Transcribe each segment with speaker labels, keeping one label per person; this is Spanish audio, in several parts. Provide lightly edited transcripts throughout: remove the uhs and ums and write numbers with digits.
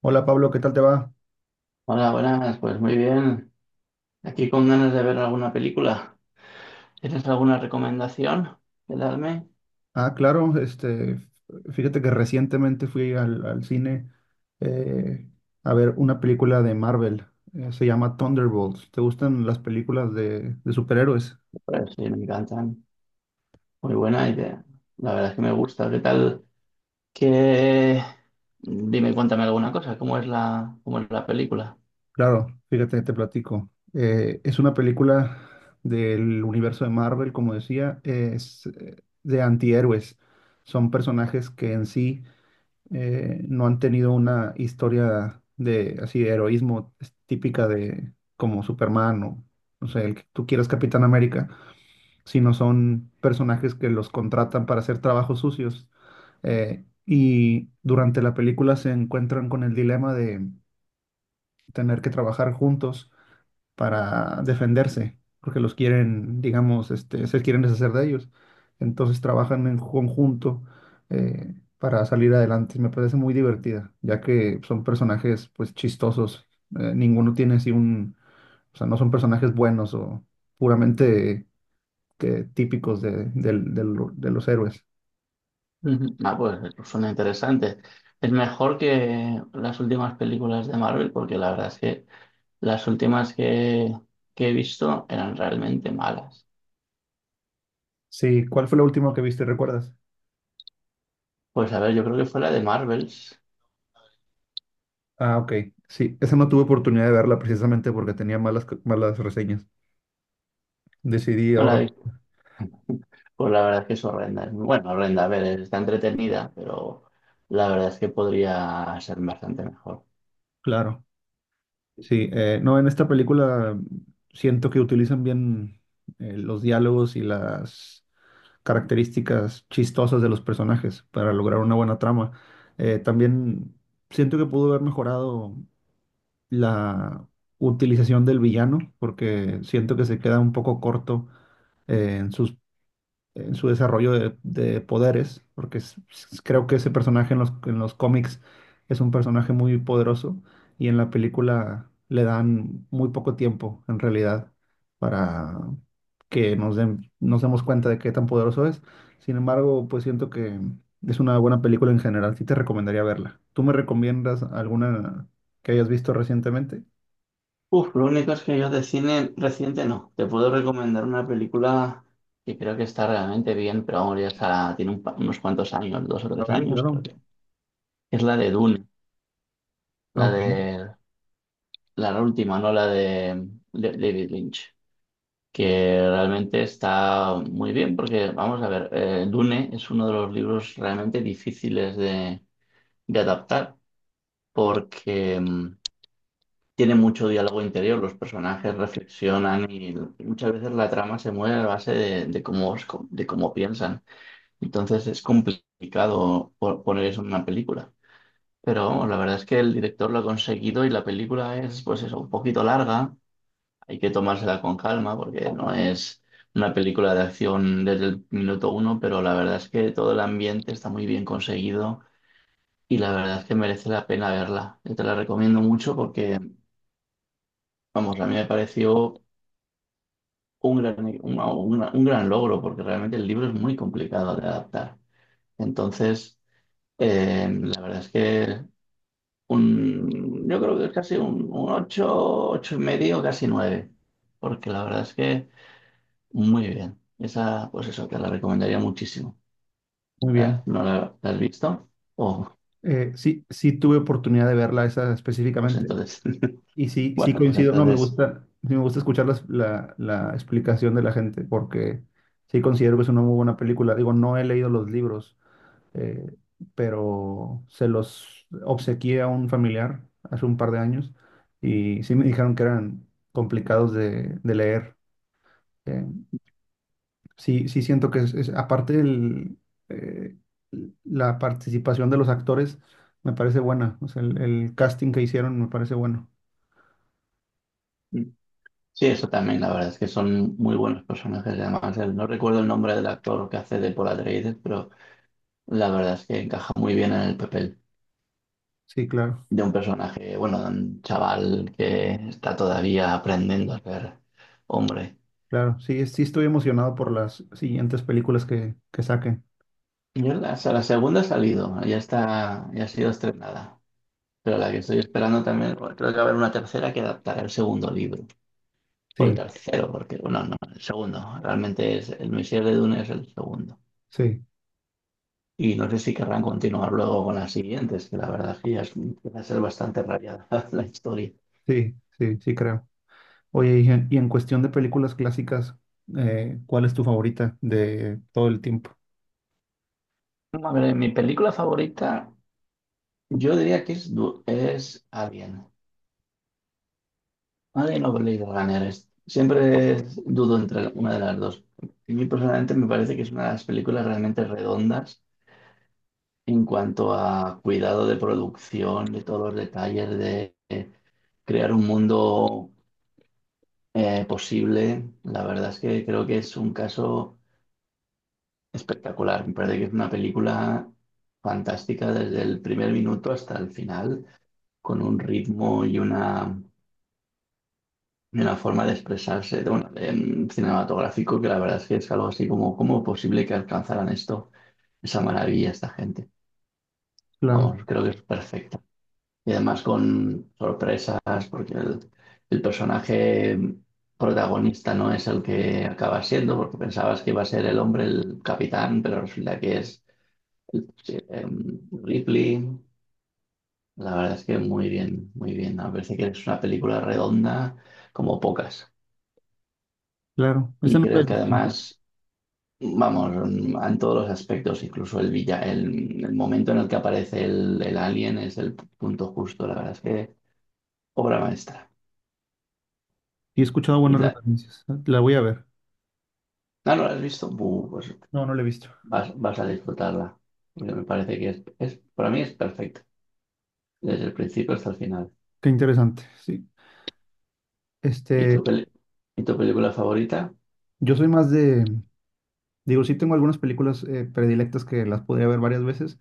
Speaker 1: Hola Pablo, ¿qué tal te va?
Speaker 2: Hola, buenas, pues muy bien. Aquí con ganas de ver alguna película. ¿Tienes alguna recomendación que darme?
Speaker 1: Ah, claro, fíjate que recientemente fui al cine eh, a ver una película de Marvel, se llama Thunderbolts. ¿Te gustan las películas de superhéroes?
Speaker 2: Pues sí, me encantan. Muy buena idea. La verdad es que me gusta. ¿Qué tal? Que... Dime, cuéntame alguna cosa. ¿Cómo es la película?
Speaker 1: Claro, fíjate, te platico. Es una película del universo de Marvel, como decía, es de antihéroes. Son personajes que en sí no han tenido una historia de así de heroísmo típica de como Superman o no sé, el que tú quieras Capitán América, sino son personajes que los contratan para hacer trabajos sucios. Y durante la película se encuentran con el dilema de tener que trabajar juntos para defenderse, porque los quieren, digamos, este, se quieren deshacer de ellos. Entonces trabajan en conjunto para salir adelante. Me parece muy divertida, ya que son personajes pues chistosos. Ninguno tiene así un, o sea, no son personajes buenos o puramente típicos de los héroes.
Speaker 2: Ujú. Ah, pues suena interesante. Es mejor que las últimas películas de Marvel porque la verdad es que las últimas que he visto eran realmente malas.
Speaker 1: Sí, ¿cuál fue la última que viste? ¿Recuerdas?
Speaker 2: Pues a ver, yo creo que fue la de Marvels.
Speaker 1: Ah, ok. Sí, esa no tuve oportunidad de verla precisamente porque tenía malas reseñas. Decidí
Speaker 2: No, la
Speaker 1: ahorrar.
Speaker 2: de pues la verdad es que es horrenda. Es bueno, horrenda, a ver, está entretenida, pero la verdad es que podría ser bastante mejor.
Speaker 1: Claro. Sí, no, en esta película siento que utilizan bien los diálogos y las características chistosas de los personajes para lograr una buena trama. También siento que pudo haber mejorado la utilización del villano, porque siento que se queda un poco corto eh, en sus en su desarrollo de poderes, porque creo que ese personaje en en los cómics es un personaje muy poderoso y en la película le dan muy poco tiempo, en realidad, para que nos demos cuenta de qué tan poderoso es. Sin embargo, pues siento que es una buena película en general, sí te recomendaría verla. ¿Tú me recomiendas alguna que hayas visto recientemente?
Speaker 2: Uf, lo único es que yo de cine reciente no. Te puedo recomendar una película que creo que está realmente bien, pero vamos, ya está, tiene unos cuantos años, dos o
Speaker 1: A
Speaker 2: tres
Speaker 1: ver,
Speaker 2: años, creo
Speaker 1: claro.
Speaker 2: que. Es la de Dune,
Speaker 1: Ah,
Speaker 2: la
Speaker 1: ok,
Speaker 2: de la última, no la de David Lynch, que realmente está muy bien, porque vamos a ver, Dune es uno de los libros realmente difíciles de adaptar porque tiene mucho diálogo interior, los personajes reflexionan y muchas veces la trama se mueve a base de cómo piensan. Entonces es complicado poner eso en una película. Pero vamos, la verdad es que el director lo ha conseguido y la película es, pues eso, un poquito larga. Hay que tomársela con calma porque no es una película de acción desde el minuto uno, pero la verdad es que todo el ambiente está muy bien conseguido y la verdad es que merece la pena verla. Yo te la recomiendo mucho porque, vamos, a mí me pareció un gran logro porque realmente el libro es muy complicado de adaptar. Entonces, la verdad es que yo creo que es casi un 8 8 y medio, casi 9, porque la verdad es que muy bien. Esa, pues eso, te la recomendaría muchísimo.
Speaker 1: muy
Speaker 2: Ah,
Speaker 1: bien.
Speaker 2: ¿No la has visto? Oh,
Speaker 1: Sí tuve oportunidad de verla esa
Speaker 2: pues
Speaker 1: específicamente.
Speaker 2: entonces,
Speaker 1: Y sí, sí
Speaker 2: bueno, pues
Speaker 1: coincido, no, me
Speaker 2: entonces.
Speaker 1: gusta, sí me gusta escuchar la explicación de la gente porque sí considero que es una muy buena película. Digo, no he leído los libros, eh, pero se los obsequié a un familiar hace un par de años y sí me dijeron que eran complicados de leer. Eh, sí siento que aparte del, eh, la participación de los actores me parece buena, o sea, el casting que hicieron me parece bueno.
Speaker 2: Sí, eso también, la verdad es que son muy buenos personajes. Además, no recuerdo el nombre del actor que hace de Paul Atreides, pero la verdad es que encaja muy bien en el papel
Speaker 1: Sí, claro.
Speaker 2: de un personaje, bueno, de un chaval que está todavía aprendiendo a ser hombre.
Speaker 1: Claro, sí, sí estoy emocionado por las siguientes películas que saquen.
Speaker 2: Yo la segunda ha salido, ya está, ya ha sido estrenada. Pero la que estoy esperando también, bueno, creo que va a haber una tercera que adaptará el segundo libro. O el
Speaker 1: Sí,
Speaker 2: tercero, porque, bueno, no, el segundo. Realmente es El Misil de Dune es el segundo.
Speaker 1: sí,
Speaker 2: Y no sé si querrán continuar luego con las siguientes, que la verdad es que ya empieza a ser bastante rayada la historia.
Speaker 1: sí creo. Oye, y en cuestión de películas clásicas, ¿cuál es tu favorita de todo el tiempo?
Speaker 2: A ver, mi película favorita, yo diría que es Alien. Alien o Blade Runner. Siempre dudo entre una de las dos. A mí personalmente me parece que es una de las películas realmente redondas en cuanto a cuidado de producción, de todos los detalles, de crear un mundo posible. La verdad es que creo que es un caso espectacular, me parece que es una película fantástica desde el primer minuto hasta el final, con un ritmo y una forma de expresarse cinematográfico, que la verdad es que es algo así como, ¿cómo es posible que alcanzaran esto, esa maravilla esta gente?
Speaker 1: Claro,
Speaker 2: Vamos, creo que es perfecta. Y además con sorpresas, porque el personaje protagonista no es el que acaba siendo, porque pensabas que iba a ser el hombre, el capitán, pero resulta que es Ripley, la verdad es que muy bien, muy bien. Me parece que es una película redonda como pocas.
Speaker 1: claro, esa
Speaker 2: Y
Speaker 1: no la he
Speaker 2: creo que
Speaker 1: visto. Y
Speaker 2: además, vamos, en todos los aspectos, incluso el momento en el que aparece el alien es el punto justo. La verdad es que obra maestra.
Speaker 1: he escuchado
Speaker 2: Y
Speaker 1: buenas
Speaker 2: la,
Speaker 1: referencias. La voy a ver.
Speaker 2: ah, ¿no la has visto? Pues
Speaker 1: No, no la he visto.
Speaker 2: vas a disfrutarla. Porque me parece que para mí es perfecta, desde el principio hasta el final.
Speaker 1: Qué interesante, sí.
Speaker 2: ¿Y
Speaker 1: Este,
Speaker 2: tu, peli- y tu película favorita?
Speaker 1: yo soy digo, sí tengo algunas películas predilectas que las podría ver varias veces.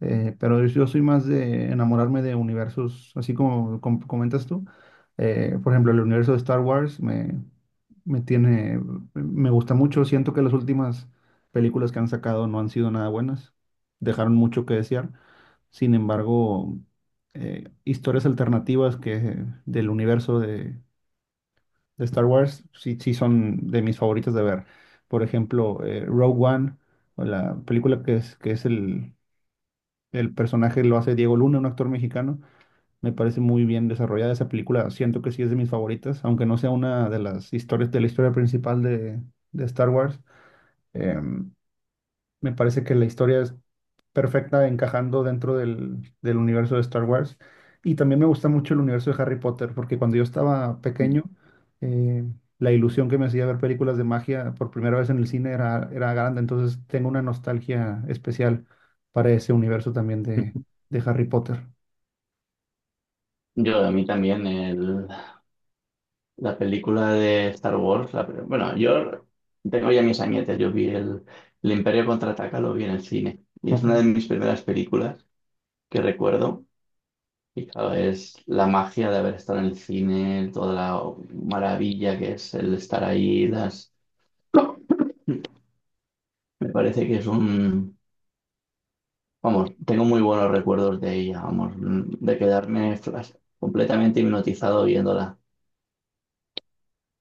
Speaker 1: Yo soy más de enamorarme de universos, así como, comentas tú. Por ejemplo, el universo de Star Wars me tiene, me gusta mucho. Siento que las últimas películas que han sacado no han sido nada buenas. Dejaron mucho que desear. Sin embargo, historias alternativas que del universo de Star Wars sí, sí son de mis favoritas de ver. Por ejemplo, Rogue One, o la película el personaje lo hace Diego Luna, un actor mexicano. Me parece muy bien desarrollada esa película. Siento que sí es de mis favoritas, aunque no sea una de las historias de la historia principal de Star Wars. Em, Me parece que la historia es perfecta encajando dentro del universo de Star Wars. Y también me gusta mucho el universo de Harry Potter, porque cuando yo estaba
Speaker 2: Mm.
Speaker 1: pequeño, eh, la ilusión que me hacía ver películas de magia por primera vez en el cine era grande. Entonces tengo una nostalgia especial para ese universo también de Harry Potter.
Speaker 2: A mí también, la película de Star Wars, bueno, yo tengo ya mis añetes, yo vi el Imperio Contraataca, lo vi en el cine, y es
Speaker 1: Ok,
Speaker 2: una de mis primeras películas que recuerdo, y claro, es la magia de haber estado en el cine, toda la maravilla que es el estar ahí, me parece que es vamos, tengo muy buenos recuerdos de ella, vamos, de quedarme completamente hipnotizado viéndola.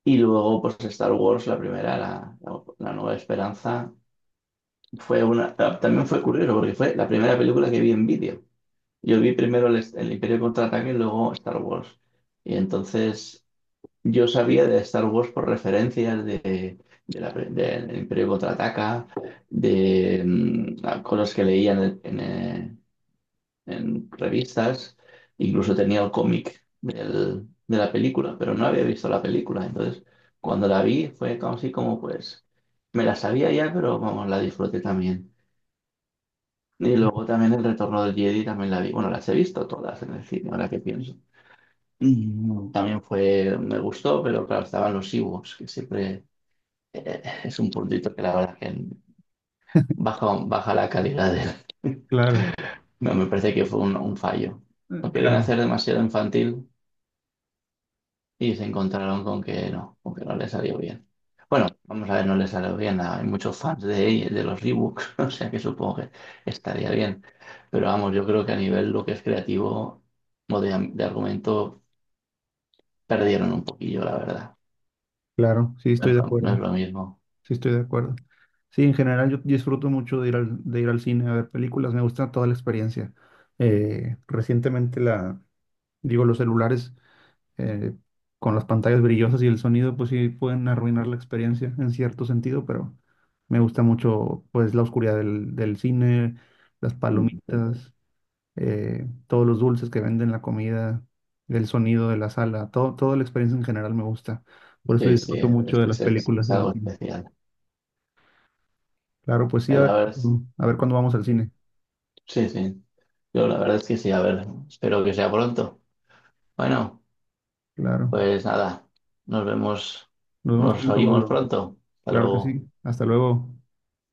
Speaker 2: Y luego, pues Star Wars, la primera, la Nueva Esperanza, también fue curioso porque fue la primera película que vi en vídeo. Yo vi primero el Imperio Contraataque y luego Star Wars. Y entonces yo sabía de Star Wars por referencias del Imperio Contraataca, de cosas que leía en revistas, incluso tenía el cómic de la película, pero no había visto la película. Entonces, cuando la vi fue como así como pues, me la sabía ya, pero vamos, la disfruté también. Y luego también El Retorno del Jedi también la vi. Bueno, las he visto todas en el cine, ahora que pienso. También me gustó, pero claro, estaban los Ewoks, que siempre es un puntito que la verdad que baja la calidad de-
Speaker 1: claro,
Speaker 2: No, me parece que fue un fallo.
Speaker 1: eh,
Speaker 2: Lo querían
Speaker 1: claro,
Speaker 2: hacer demasiado infantil y se encontraron con que no, le salió bien. Bueno, vamos a ver, no le salió bien. Hay muchos fans de los rebooks, o sea que supongo que estaría bien. Pero vamos, yo creo que a nivel lo que es creativo o de argumento perdieron un poquillo, la verdad.
Speaker 1: claro, sí
Speaker 2: No
Speaker 1: estoy
Speaker 2: es
Speaker 1: de
Speaker 2: lo, no es
Speaker 1: acuerdo,
Speaker 2: lo mismo.
Speaker 1: sí estoy de acuerdo. Sí, en general yo disfruto mucho de ir de ir al cine a ver películas, me gusta toda la experiencia. Eh, recientemente la, Digo, los celulares eh, con las pantallas brillosas y el sonido, pues sí pueden arruinar la experiencia en cierto sentido, pero me gusta mucho pues la oscuridad del cine, las
Speaker 2: Mm.
Speaker 1: palomitas, todos los dulces que venden, la comida, el sonido de la sala, todo, toda la experiencia en general me gusta. Por eso
Speaker 2: Sí, sí,
Speaker 1: disfruto mucho
Speaker 2: es,
Speaker 1: de las
Speaker 2: es- es-
Speaker 1: películas
Speaker 2: es
Speaker 1: en el
Speaker 2: algo
Speaker 1: cine.
Speaker 2: especial.
Speaker 1: Claro, pues sí,
Speaker 2: Eh, La verdad es-
Speaker 1: a ver cuándo vamos al cine.
Speaker 2: sí, sí. Yo la verdad es que sí, a ver, espero que sea pronto. Bueno.
Speaker 1: Claro.
Speaker 2: Pues nada, nos vemos,
Speaker 1: Nos vemos
Speaker 2: nos
Speaker 1: pronto,
Speaker 2: oímos
Speaker 1: Pablo.
Speaker 2: pronto. Hasta
Speaker 1: Claro que
Speaker 2: luego.
Speaker 1: sí. Hasta luego.